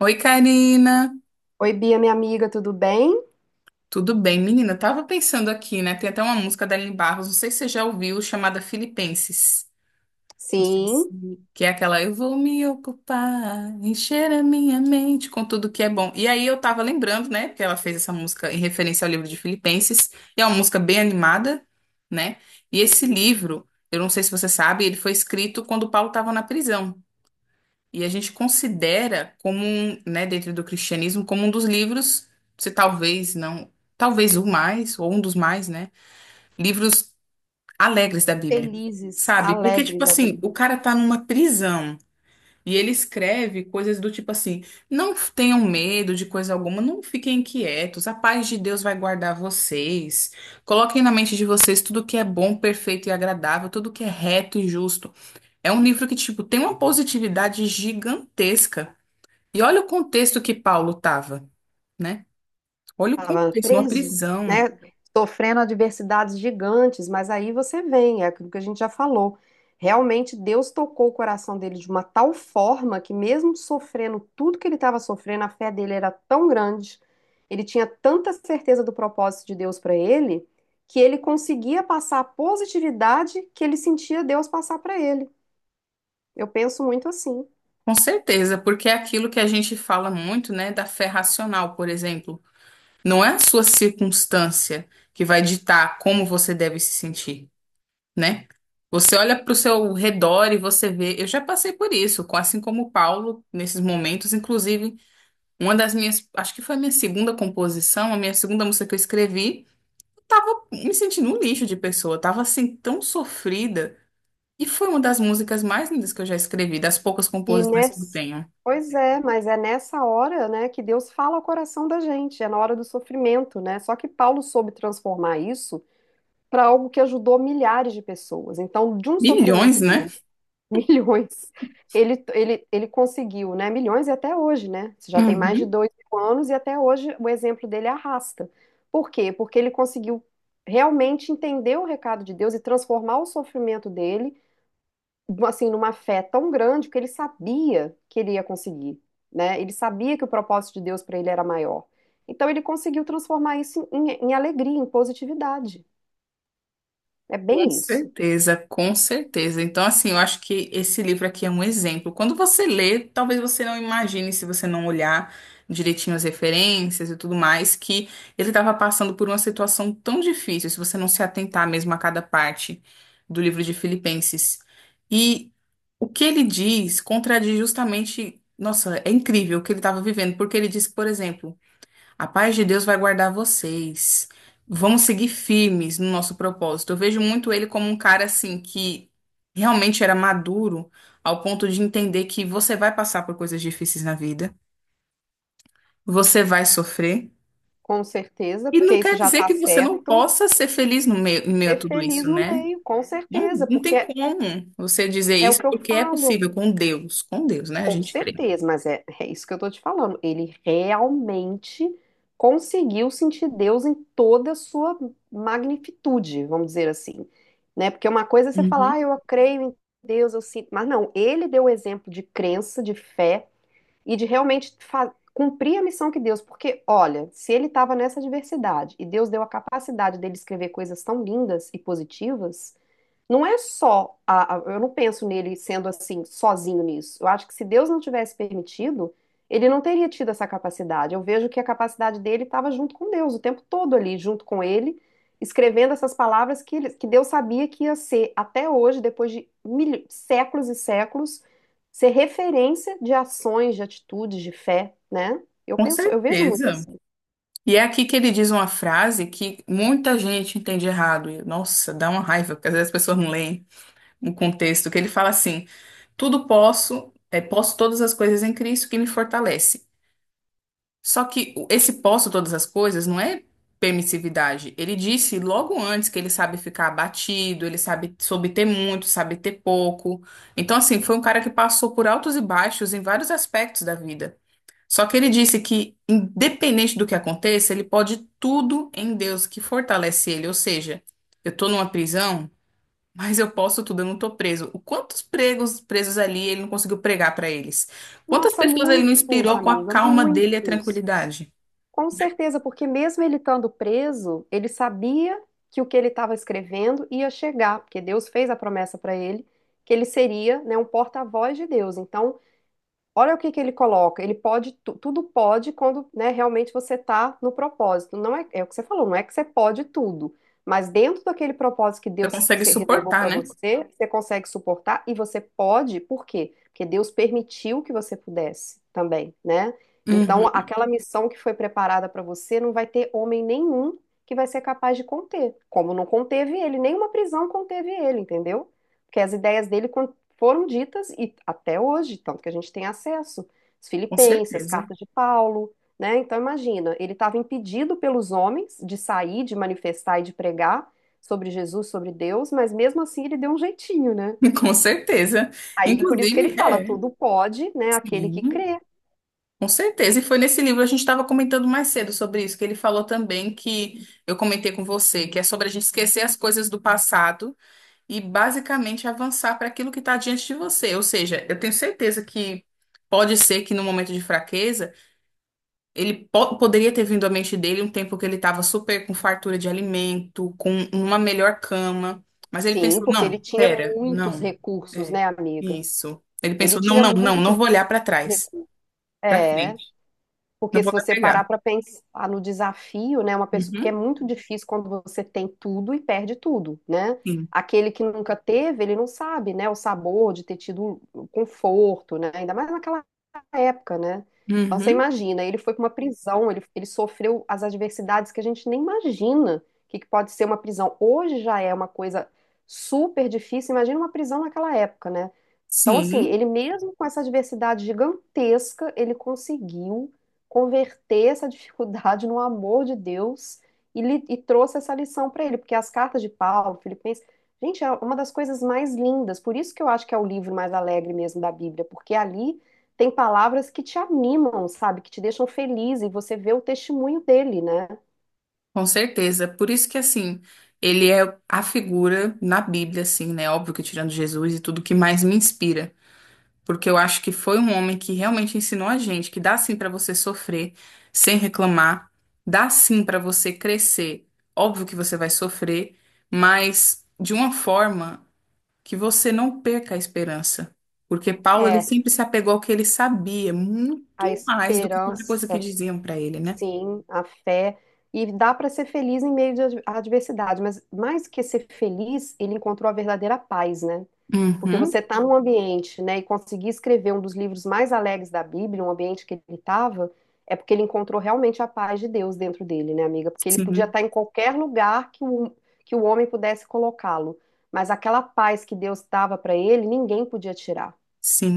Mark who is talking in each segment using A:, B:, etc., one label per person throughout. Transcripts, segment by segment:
A: Oi, Karina.
B: Oi, Bia, minha amiga, tudo bem?
A: Tudo bem, menina? Eu tava pensando aqui, né? Tem até uma música da Aline Barros, não sei se você já ouviu, chamada Filipenses. Não sei se...
B: Sim,
A: Que é aquela, eu vou me ocupar, encher a minha mente com tudo que é bom. E aí eu tava lembrando, né? Que ela fez essa música em referência ao livro de Filipenses. E é uma música bem animada, né? E esse livro, eu não sei se você sabe, ele foi escrito quando o Paulo estava na prisão. E a gente considera como, né, dentro do cristianismo, como um dos livros, se talvez não, talvez o mais, ou um dos mais, né, livros alegres da Bíblia.
B: felizes,
A: Sabe? Porque, tipo
B: alegres da
A: assim, o
B: vida.
A: cara tá numa prisão e ele escreve coisas do tipo assim: não tenham medo de coisa alguma, não fiquem inquietos, a paz de Deus vai guardar vocês. Coloquem na mente de vocês tudo que é bom, perfeito e agradável, tudo que é reto e justo. É um livro que, tipo, tem uma positividade gigantesca. E olha o contexto que Paulo estava, né? Olha o
B: Estava
A: contexto, uma
B: preso,
A: prisão.
B: né? Sofrendo adversidades gigantes, mas aí você vem, é aquilo que a gente já falou. Realmente Deus tocou o coração dele de uma tal forma que, mesmo sofrendo tudo que ele estava sofrendo, a fé dele era tão grande, ele tinha tanta certeza do propósito de Deus para ele, que ele conseguia passar a positividade que ele sentia Deus passar para ele. Eu penso muito assim.
A: Com certeza, porque é aquilo que a gente fala muito, né, da fé racional, por exemplo. Não é a sua circunstância que vai ditar como você deve se sentir, né? Você olha para o seu redor e você vê. Eu já passei por isso, assim como o Paulo, nesses momentos. Inclusive, uma das minhas. Acho que foi a minha segunda composição, a minha segunda música que eu escrevi. Eu tava me sentindo um lixo de pessoa. Eu tava assim, tão sofrida. E foi uma das músicas mais lindas que eu já escrevi, das poucas
B: E
A: composições que eu
B: nesse...
A: tenho.
B: Pois é, mas é nessa hora, né, que Deus fala ao coração da gente, é na hora do sofrimento, né? Só que Paulo soube transformar isso para algo que ajudou milhares de pessoas. Então, de um
A: Milhões,
B: sofrimento
A: né?
B: dele, milhões, ele conseguiu, né? Milhões e até hoje, né? Isso já tem mais de
A: Uhum.
B: 2000 anos e até hoje o exemplo dele arrasta. Por quê? Porque ele conseguiu realmente entender o recado de Deus e transformar o sofrimento dele assim, numa fé tão grande que ele sabia que ele ia conseguir, né? Ele sabia que o propósito de Deus para ele era maior. Então ele conseguiu transformar isso em alegria, em positividade. É
A: Com
B: bem isso,
A: certeza, com certeza. Então, assim, eu acho que esse livro aqui é um exemplo. Quando você lê, talvez você não imagine, se você não olhar direitinho as referências e tudo mais, que ele estava passando por uma situação tão difícil, se você não se atentar mesmo a cada parte do livro de Filipenses. E o que ele diz contradiz justamente, nossa, é incrível o que ele estava vivendo, porque ele diz, por exemplo, a paz de Deus vai guardar vocês. Vamos seguir firmes no nosso propósito. Eu vejo muito ele como um cara assim que realmente era maduro ao ponto de entender que você vai passar por coisas difíceis na vida, você vai sofrer.
B: com certeza,
A: E
B: porque
A: não
B: isso
A: quer
B: já
A: dizer
B: está
A: que você não
B: certo.
A: possa ser feliz no meio, em meio a
B: Ser
A: tudo
B: feliz
A: isso,
B: no
A: né?
B: meio, com
A: Não,
B: certeza,
A: não
B: porque
A: tem
B: é,
A: como você dizer
B: é o
A: isso,
B: que eu
A: porque é
B: falo.
A: possível com Deus, né? A
B: Com
A: gente crê.
B: certeza, mas é, é isso que eu tô te falando. Ele realmente conseguiu sentir Deus em toda a sua magnitude, vamos dizer assim, né? Porque uma coisa é você falar, ah,
A: Uhum.
B: eu creio em Deus, eu sinto, mas não, ele deu o exemplo de crença, de fé e de realmente cumprir a missão que Deus, porque olha, se ele estava nessa adversidade e Deus deu a capacidade dele escrever coisas tão lindas e positivas, não é só eu não penso nele sendo assim, sozinho nisso. Eu acho que se Deus não tivesse permitido, ele não teria tido essa capacidade. Eu vejo que a capacidade dele estava junto com Deus, o tempo todo ali, junto com ele, escrevendo essas palavras que, que Deus sabia que ia ser, até hoje, depois de séculos e séculos, ser referência de ações, de atitudes, de fé, né? Eu
A: Com
B: penso, eu vejo muito
A: certeza.
B: assim.
A: E é aqui que ele diz uma frase que muita gente entende errado. E, nossa, dá uma raiva, porque às vezes as pessoas não leem o contexto, que ele fala assim: tudo posso, posso todas as coisas em Cristo que me fortalece. Só que esse posso todas as coisas não é permissividade. Ele disse logo antes que ele sabe ficar abatido, ele soube ter muito, sabe ter pouco. Então, assim, foi um cara que passou por altos e baixos em vários aspectos da vida. Só que ele disse que, independente do que aconteça, ele pode tudo em Deus que fortalece ele. Ou seja, eu estou numa prisão, mas eu posso tudo, eu não estou preso. O Quantos pregos presos ali ele não conseguiu pregar para eles? Quantas
B: Nossa,
A: pessoas ele não
B: muitos,
A: inspirou com a
B: amiga,
A: calma dele e a
B: muitos.
A: tranquilidade?
B: Com certeza, porque mesmo ele estando preso, ele sabia que o que ele estava escrevendo ia chegar, porque Deus fez a promessa para ele que ele seria, né, um porta-voz de Deus. Então, olha o que que ele coloca. Ele pode, tudo pode quando, né, realmente você está no propósito. Não é, é o que você falou, não é que você pode tudo, mas dentro daquele propósito que
A: Você
B: Deus
A: consegue
B: se reservou
A: suportar,
B: para
A: né?
B: você, você consegue suportar e você pode, por quê? Porque Deus permitiu que você pudesse também, né? Então,
A: Uhum,
B: aquela missão que foi preparada para você não vai ter homem nenhum que vai ser capaz de conter, como não conteve ele, nenhuma prisão conteve ele, entendeu? Porque as ideias dele foram ditas e até hoje, tanto que a gente tem acesso, os
A: com
B: Filipenses, as
A: certeza.
B: cartas de Paulo, né? Então imagina, ele estava impedido pelos homens de sair, de manifestar e de pregar sobre Jesus, sobre Deus, mas mesmo assim ele deu um jeitinho, né?
A: Com certeza.
B: Aí por isso que ele
A: Inclusive,
B: fala, tudo pode, né, aquele que
A: sim.
B: crê.
A: Com certeza, e foi nesse livro, a gente estava comentando mais cedo sobre isso, que ele falou também que eu comentei com você, que é sobre a gente esquecer as coisas do passado e basicamente avançar para aquilo que está diante de você. Ou seja, eu tenho certeza que pode ser que no momento de fraqueza, ele poderia ter vindo à mente dele um tempo que ele estava super com fartura de alimento, com uma melhor cama, mas ele
B: Sim,
A: pensou:
B: porque ele
A: não,
B: tinha
A: pera,
B: muitos
A: não,
B: recursos,
A: é
B: né, amiga?
A: isso. Ele
B: Ele
A: pensou: não,
B: tinha
A: não, não,
B: muitos,
A: não vou olhar para trás, para
B: é,
A: frente, não
B: porque se
A: vou me
B: você
A: apegar.
B: parar para pensar no desafio, né, uma pessoa, porque é
A: Uhum,
B: muito difícil quando você tem tudo e perde tudo, né?
A: sim.
B: Aquele que nunca teve, ele não sabe, né, o sabor de ter tido o conforto, né? Ainda mais naquela época, né? Então você
A: Uhum,
B: imagina, ele foi para uma prisão, ele sofreu as adversidades que a gente nem imagina o que, que pode ser uma prisão. Hoje já é uma coisa super difícil, imagina uma prisão naquela época, né? Então, assim,
A: sim,
B: ele mesmo com essa adversidade gigantesca, ele conseguiu converter essa dificuldade no amor de Deus e trouxe essa lição para ele, porque as cartas de Paulo, Filipenses, gente, é uma das coisas mais lindas. Por isso que eu acho que é o livro mais alegre mesmo da Bíblia, porque ali tem palavras que te animam, sabe, que te deixam feliz e você vê o testemunho dele, né?
A: com certeza. Por isso que, assim, ele é a figura na Bíblia, assim, né? Óbvio que tirando Jesus e tudo que mais me inspira. Porque eu acho que foi um homem que realmente ensinou a gente que dá sim pra você sofrer sem reclamar, dá sim pra você crescer. Óbvio que você vai sofrer, mas de uma forma que você não perca a esperança. Porque Paulo, ele
B: É,
A: sempre se apegou ao que ele sabia,
B: a
A: muito mais do que qualquer coisa que
B: esperança.
A: diziam pra ele, né?
B: Sim, a fé. E dá para ser feliz em meio de à adversidade, mas mais que ser feliz, ele encontrou a verdadeira paz, né? Porque você
A: Uhum,
B: está num ambiente, né, e conseguir escrever um dos livros mais alegres da Bíblia, um ambiente que ele estava, é porque ele encontrou realmente a paz de Deus dentro dele, né, amiga? Porque ele podia
A: sim,
B: estar em qualquer lugar que o homem pudesse colocá-lo, mas aquela paz que Deus dava para ele, ninguém podia tirar.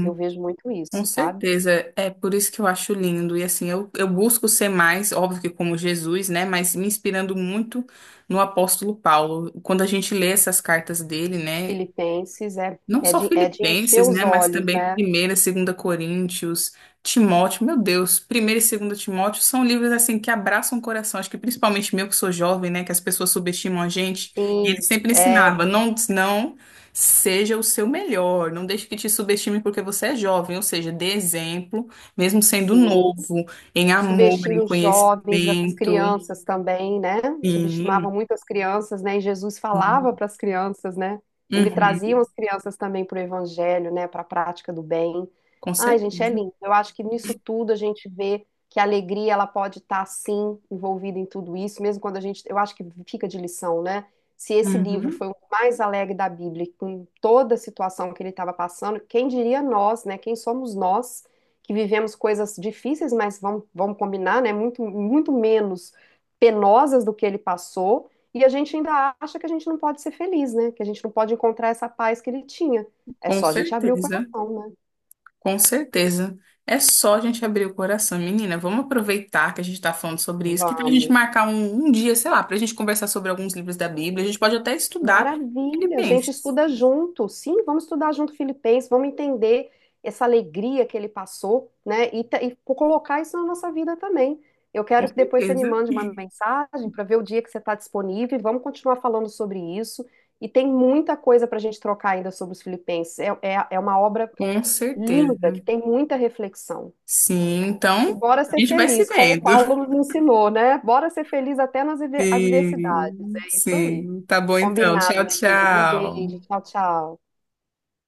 B: Eu vejo muito
A: com
B: isso, sabe?
A: certeza. É por isso que eu acho lindo. E assim, eu busco ser mais, óbvio que como Jesus, né? Mas me inspirando muito no apóstolo Paulo. Quando a gente lê essas cartas dele, né?
B: Filipenses é,
A: Não só
B: é de encher
A: Filipenses,
B: os
A: né? Mas
B: olhos,
A: também
B: né?
A: Primeira Segunda Coríntios, Timóteo, meu Deus, Primeira e Segunda Timóteo são livros assim que abraçam o coração. Acho que principalmente meu que sou jovem, né? Que as pessoas subestimam a gente. E ele
B: Sim,
A: sempre
B: é,
A: ensinava, não, não seja o seu melhor, não deixe que te subestime porque você é jovem, ou seja, dê exemplo, mesmo sendo
B: sim.
A: novo, em amor, em
B: Subestima os jovens, as
A: conhecimento.
B: crianças também, né? Subestimavam
A: Sim.
B: muito as crianças, né? E Jesus falava
A: Sim.
B: para as crianças, né? Ele trazia
A: Uhum.
B: as crianças também para o evangelho, né? Para a prática do bem.
A: Com
B: Ai, gente, é
A: certeza.
B: lindo. Eu acho que nisso tudo a gente vê que a alegria ela pode estar sim envolvida em tudo isso, mesmo quando a gente, eu acho que fica de lição, né? Se esse livro
A: Uhum.
B: foi o mais alegre da Bíblia, com toda a situação que ele estava passando, quem diria nós, né? Quem somos nós? Que vivemos coisas difíceis, mas vamos, vamos combinar, né? Muito, muito menos penosas do que ele passou. E a gente ainda acha que a gente não pode ser feliz, né? Que a gente não pode encontrar essa paz que ele tinha. É
A: Com
B: só a gente abrir o
A: certeza.
B: coração, né?
A: Com certeza. É só a gente abrir o coração. Menina, vamos aproveitar que a gente está falando sobre isso, que para a gente
B: Vamos.
A: marcar um dia, sei lá, para a gente conversar sobre alguns livros da Bíblia. A gente pode até estudar
B: Maravilha, a gente
A: Filipenses.
B: estuda junto. Sim, vamos estudar junto Filipenses, vamos entender essa alegria que ele passou, né? E colocar isso na nossa vida também. Eu
A: Com
B: quero que depois você me
A: certeza.
B: mande uma mensagem para ver o dia que você está disponível. E vamos continuar falando sobre isso. E tem muita coisa para a gente trocar ainda sobre os Filipenses. É, é, é uma obra
A: Com
B: linda,
A: certeza.
B: que tem muita reflexão.
A: Sim,
B: E
A: então
B: bora
A: a
B: ser
A: gente vai se
B: feliz, como o
A: vendo.
B: Paulo nos ensinou, né? Bora ser feliz até nas adversidades.
A: Sim,
B: É isso aí.
A: sim. Tá bom então.
B: Combinado,
A: Tchau,
B: minha querida. Um beijo.
A: tchau.
B: Tchau, tchau.